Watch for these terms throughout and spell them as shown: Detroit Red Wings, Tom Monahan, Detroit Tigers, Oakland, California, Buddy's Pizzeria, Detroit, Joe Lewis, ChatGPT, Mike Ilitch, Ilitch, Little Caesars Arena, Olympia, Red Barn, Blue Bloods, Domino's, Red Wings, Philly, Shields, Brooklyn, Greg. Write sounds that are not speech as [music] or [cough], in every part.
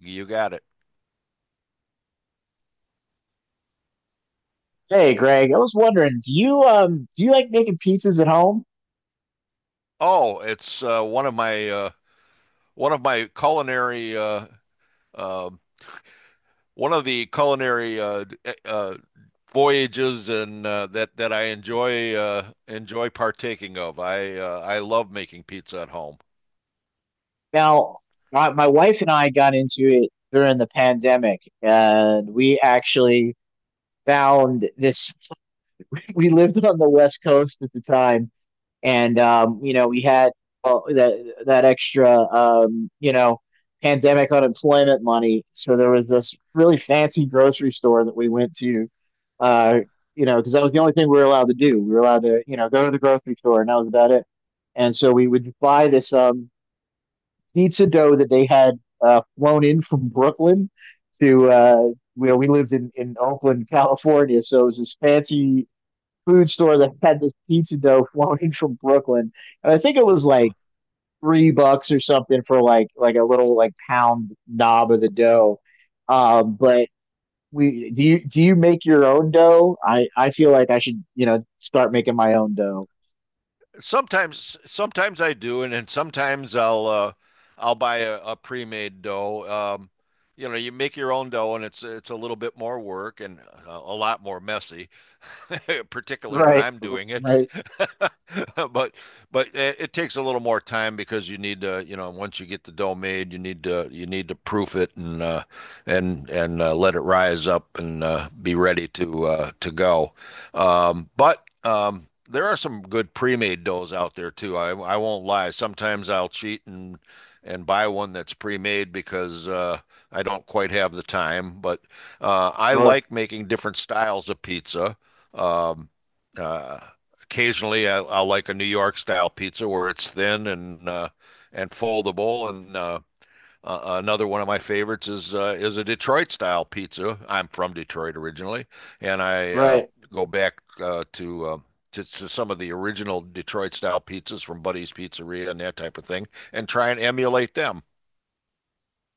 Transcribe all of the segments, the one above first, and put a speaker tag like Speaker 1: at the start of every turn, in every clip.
Speaker 1: You got it.
Speaker 2: Hey, Greg, I was wondering, do you like making pizzas at home?
Speaker 1: Oh, it's one of my culinary um one of the culinary voyages and that I enjoy enjoy partaking of. I love making pizza at home.
Speaker 2: Now, my wife and I got into it during the pandemic, and we actually found this. [laughs] We lived on the West Coast at the time, and you know, we had that extra pandemic unemployment money. So there was this really fancy grocery store that we went to, uh, you know, because that was the only thing we were allowed to do. We were allowed to, you know, go to the grocery store, and that was about it. And so we would buy this pizza dough that they had flown in from Brooklyn to, you know, we lived in Oakland, California. So it was this fancy food store that had this pizza dough [laughs] flown in from Brooklyn, and I think it was like $3 or something for like a little pound knob of the dough. But we, do you, do you make your own dough? I feel like I should, you know, start making my own dough.
Speaker 1: Sometimes I do, and then sometimes I'll buy a pre-made dough. You know, you make your own dough, and it's a little bit more work and a lot more messy, [laughs] particularly when
Speaker 2: Right,
Speaker 1: I'm doing it.
Speaker 2: right,
Speaker 1: [laughs] But it takes a little more time because you need to, you know, once you get the dough made, you need to proof it and and let it rise up and be ready to go. But there are some good pre-made doughs out there too. I won't lie. Sometimes I'll cheat and buy one that's pre-made because I don't quite have the time. But I
Speaker 2: sure,
Speaker 1: like making different styles of pizza. Um, uh, Occasionally, I like a New York style pizza where it's thin and foldable, and another one of my favorites is a Detroit style pizza. I'm from Detroit originally, and I
Speaker 2: right.
Speaker 1: go back to some of the original Detroit style pizzas from Buddy's Pizzeria and that type of thing, and try and emulate them.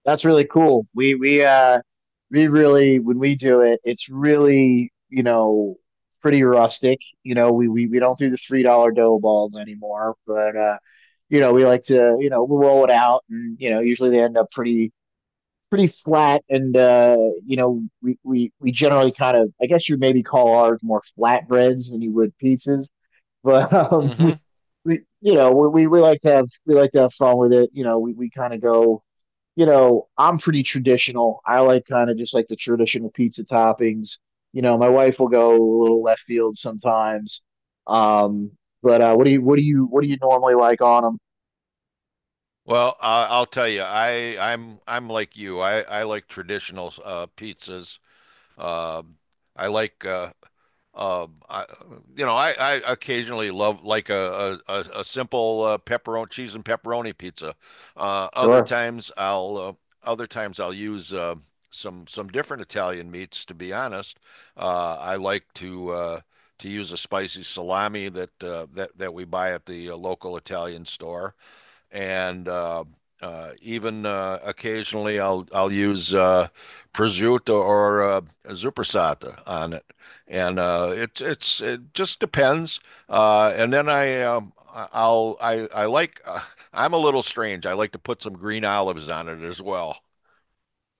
Speaker 2: That's really cool. We really, when we do it, it's really, you know, pretty rustic. You know, we don't do the $3 dough balls anymore, but uh, you know, we like to, you know, we'll roll it out, and you know, usually they end up pretty flat, and uh, you know, we generally kind of, I guess, you maybe call ours more flatbreads than you would pizzas, but [laughs]
Speaker 1: hmm
Speaker 2: we you know, we like to have, we like to have fun with it. You know, we kind of go, you know, I'm pretty traditional. I like kind of just like the traditional pizza toppings. You know, my wife will go a little left field sometimes. Um, but what do you, what do you normally like on them?
Speaker 1: Well, I'll tell you, I'm I'm like you. I like traditional pizzas. Um, I like um, I, you know, I occasionally love like a simple pepperoni cheese and pepperoni pizza.
Speaker 2: Sure.
Speaker 1: Other times I'll use some different Italian meats. To be honest, I like to use a spicy salami that that we buy at the local Italian store and even occasionally I'll use prosciutto or zuppersata on it, and it just depends. And then I- I'll I like I'm a little strange. I like to put some green olives on it as well.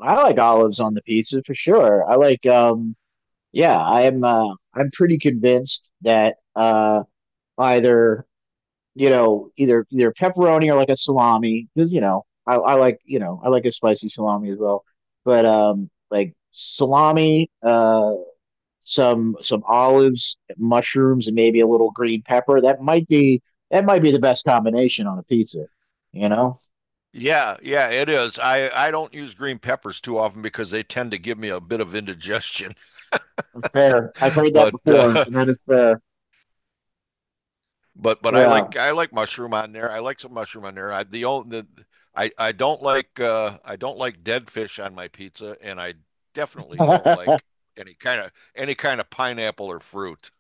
Speaker 2: I like olives on the pizza for sure. I like yeah, I am, I'm pretty convinced that either, you know, either pepperoni or like a salami, because you know, I like, you know, I like a spicy salami as well. But like salami, some olives, mushrooms, and maybe a little green pepper. That might be the best combination on a pizza. You know,
Speaker 1: Yeah, yeah, it is. I don't use green peppers too often because they tend to give me a bit of indigestion. [laughs]
Speaker 2: fair. I've heard that
Speaker 1: But
Speaker 2: before,
Speaker 1: uh,
Speaker 2: and that is fair.
Speaker 1: but
Speaker 2: Yeah.
Speaker 1: I like mushroom on there. I like some mushroom on there. I the only the, I don't like dead fish on my pizza, and I definitely don't
Speaker 2: [laughs]
Speaker 1: like any kind of pineapple or fruit.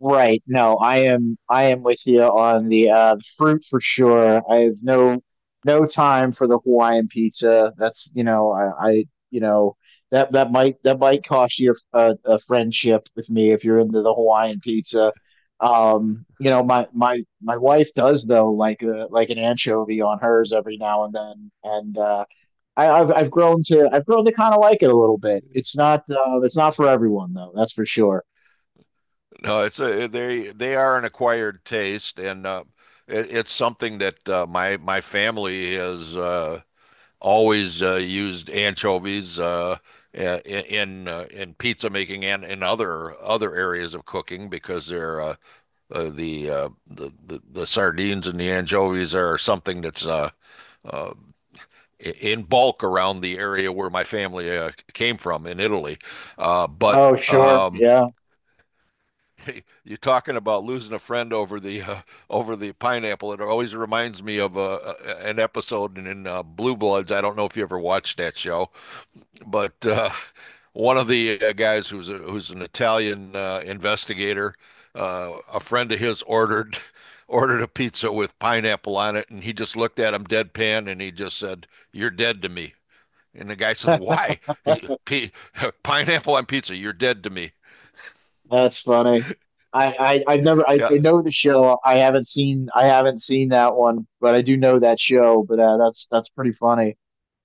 Speaker 2: Right. No, I am with you on the fruit for sure. I have no time for the Hawaiian pizza. That's, you know, I you know, that might, that might cost you a friendship with me if you're into the Hawaiian pizza. You know, my wife does though like a, like an anchovy on hers every now and then, and uh, I've grown to, I've grown to kind of like it a little bit. It's not for everyone though, that's for sure.
Speaker 1: No, it's a they are an acquired taste, and it's something that my my family has always used anchovies i- in pizza making and in other areas of cooking because they're the sardines and the anchovies are something that's uh, in bulk around the area where my family came from in Italy. But
Speaker 2: Oh, sure. Yeah.
Speaker 1: [laughs] you're talking about losing a friend over the pineapple. It always reminds me of an episode in Blue Bloods. I don't know if you ever watched that show, but one of the guys who's who's an Italian investigator, a friend of his ordered [laughs] ordered a pizza with pineapple on it, and he just looked at him deadpan, and he just said, "You're dead to me." And the guy said, "Why? He, p [laughs] Pineapple on pizza? You're dead to me."
Speaker 2: That's funny. I, I I've never I,
Speaker 1: Yeah,
Speaker 2: I know the show. I haven't seen that one, but I do know that show. But that's pretty funny.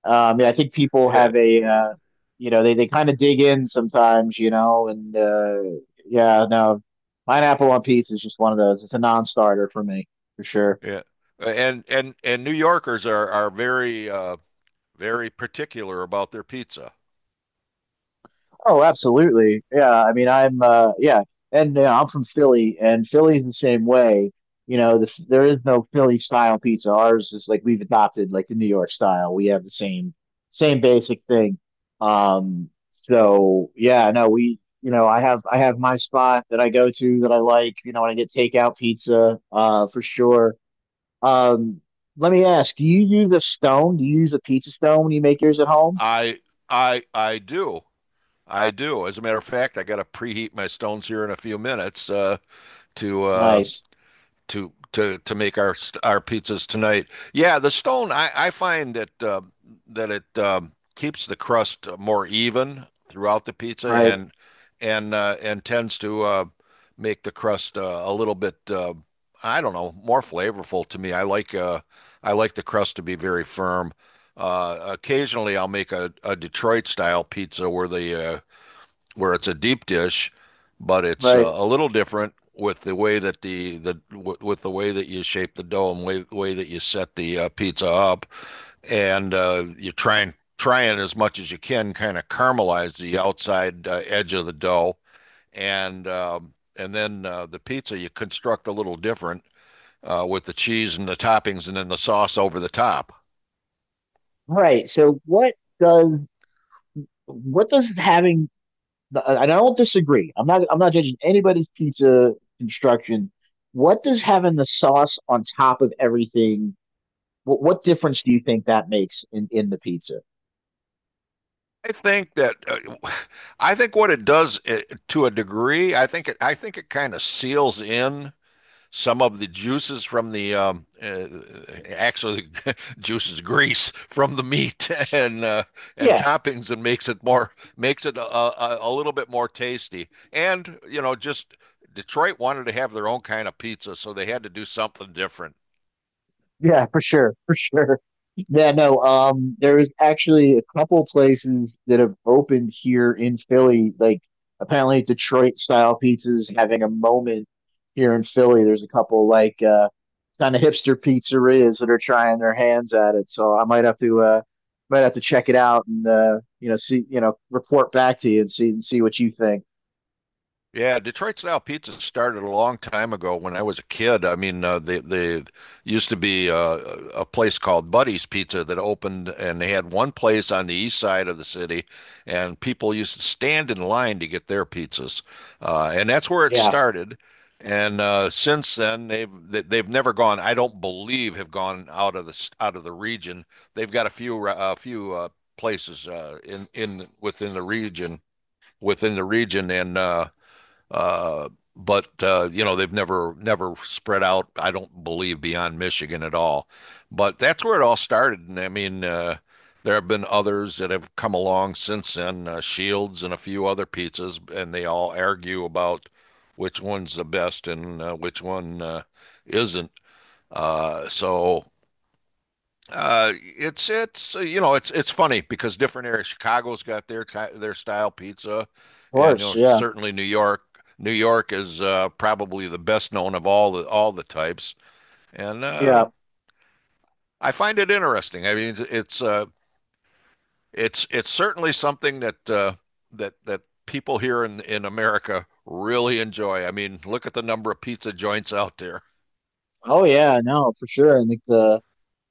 Speaker 2: Yeah, I think people
Speaker 1: yeah,
Speaker 2: have a you know, they kind of dig in sometimes, you know, and yeah, no, pineapple on pizza is just one of those. It's a non-starter for me for sure.
Speaker 1: yeah. And New Yorkers are very very particular about their pizza.
Speaker 2: Oh, absolutely. Yeah, I mean, I'm yeah, and you know, I'm from Philly, and Philly's the same way. You know, there is no Philly style pizza. Ours is like we've adopted like the New York style. We have the same basic thing. So yeah, no, we, you know, I have my spot that I go to that I like, you know, when I get takeout pizza, for sure. Um, let me ask, do you use a stone? Do you use a pizza stone when you make yours at home?
Speaker 1: I I do. I do. As a matter of fact, I got to preheat my stones here in a few minutes to uh,
Speaker 2: Nice.
Speaker 1: to make our pizzas tonight. Yeah, the stone I find that it keeps the crust more even throughout the pizza
Speaker 2: Right.
Speaker 1: and and and tends to make the crust a little bit I don't know, more flavorful to me. I like the crust to be very firm. Occasionally, I'll make a Detroit style pizza where the where it's a deep dish, but it's
Speaker 2: Right.
Speaker 1: a little different with the way that with the way that you shape the dough and way that you set the pizza up, and you try and as much as you can kind of caramelize the outside edge of the dough, and the pizza you construct a little different with the cheese and the toppings and then the sauce over the top.
Speaker 2: All right. So what does, what does having the, and I don't disagree. I'm not judging anybody's pizza construction. What does having the sauce on top of everything, what difference do you think that makes in the pizza?
Speaker 1: I think that I think what it does to a degree, I think it kind of seals in some of the juices from the actually [laughs] juices grease from the meat [laughs] and
Speaker 2: Yeah.
Speaker 1: toppings and makes it more makes it a little bit more tasty. And you know, just Detroit wanted to have their own kind of pizza, so they had to do something different.
Speaker 2: Yeah, for sure, for sure. Yeah, no, there's actually a couple places that have opened here in Philly. Like apparently Detroit style pizza's having a moment here in Philly. There's a couple like kind of hipster pizzerias that are trying their hands at it. So I might have to check it out, and uh, you know, see, you know, report back to you, and see what you think.
Speaker 1: Yeah, Detroit style pizza started a long time ago when I was a kid. I mean, they used to be a place called Buddy's Pizza that opened, and they had one place on the east side of the city, and people used to stand in line to get their pizzas, and that's where it
Speaker 2: Yeah, of
Speaker 1: started. And since then, they've never gone. I don't believe have gone out of out of the region. They've got a few places in within the region and. Uh, but you know, they've never spread out, I don't believe, beyond Michigan at all. But that's where it all started. And I mean, there have been others that have come along since then, Shields and a few other pizzas, and they all argue about which one's the best and which one isn't. So it's You know, it's funny because different areas. Chicago's got their style pizza, and you
Speaker 2: course.
Speaker 1: know
Speaker 2: Yeah.
Speaker 1: certainly New York. New York is probably the best known of all the types, and
Speaker 2: Yeah.
Speaker 1: I find it interesting. I mean, it's certainly something that that people here in America really enjoy. I mean, look at the number of pizza joints out there.
Speaker 2: Oh yeah, no, for sure. And like the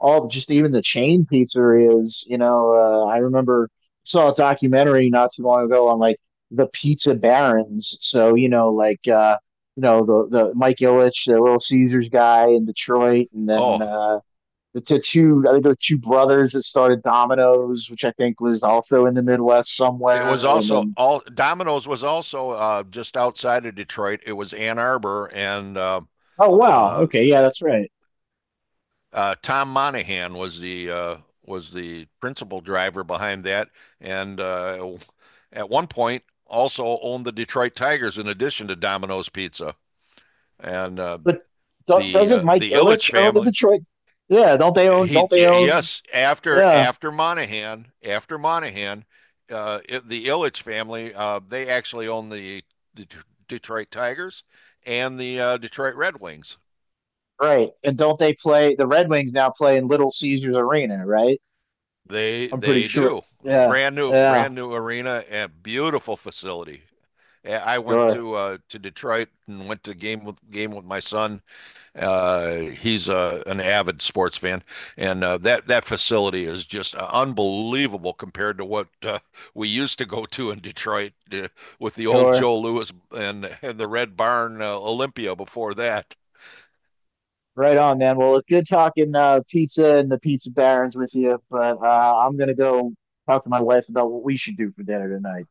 Speaker 2: all, just even the chain pizzerias, you know, I remember, saw a documentary not too long ago on like the pizza barons. So, you know, like you know, the Mike Ilitch, the Little Caesars guy in Detroit, and then
Speaker 1: Oh,
Speaker 2: two, I think there were two brothers that started Domino's, which I think was also in the Midwest
Speaker 1: it was
Speaker 2: somewhere, and
Speaker 1: also
Speaker 2: then,
Speaker 1: all Domino's was also just outside of Detroit. It was Ann Arbor, and
Speaker 2: oh wow,
Speaker 1: uh,
Speaker 2: okay, yeah, that's right.
Speaker 1: Tom Monahan was the principal driver behind that, and at one point also owned the Detroit Tigers in addition to Domino's Pizza. And
Speaker 2: But do doesn't Mike
Speaker 1: the Ilitch
Speaker 2: Ilitch own the
Speaker 1: family.
Speaker 2: Detroit? Yeah, don't they own?
Speaker 1: He
Speaker 2: Don't they own?
Speaker 1: Yes,
Speaker 2: Yeah,
Speaker 1: after Monahan, the Ilitch family, they actually own the Det- Detroit Tigers and the Detroit Red Wings.
Speaker 2: right. And don't they play, the Red Wings now play in Little Caesars Arena, right? I'm pretty
Speaker 1: They
Speaker 2: sure.
Speaker 1: do.
Speaker 2: Yeah, yeah,
Speaker 1: Brand new arena and beautiful facility. I went
Speaker 2: sure,
Speaker 1: to Detroit and went to game with my son. He's An avid sports fan, and that that facility is just unbelievable compared to what we used to go to in Detroit with the old
Speaker 2: sure.
Speaker 1: Joe Lewis and the Red Barn Olympia before that.
Speaker 2: Right on, man. Well, it's good talking pizza and the pizza barons with you, but I'm gonna go talk to my wife about what we should do for dinner tonight.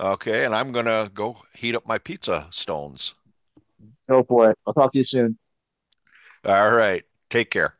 Speaker 1: Okay, and I'm gonna go heat up my pizza stones.
Speaker 2: Go for it. I'll talk to you soon.
Speaker 1: All right, take care.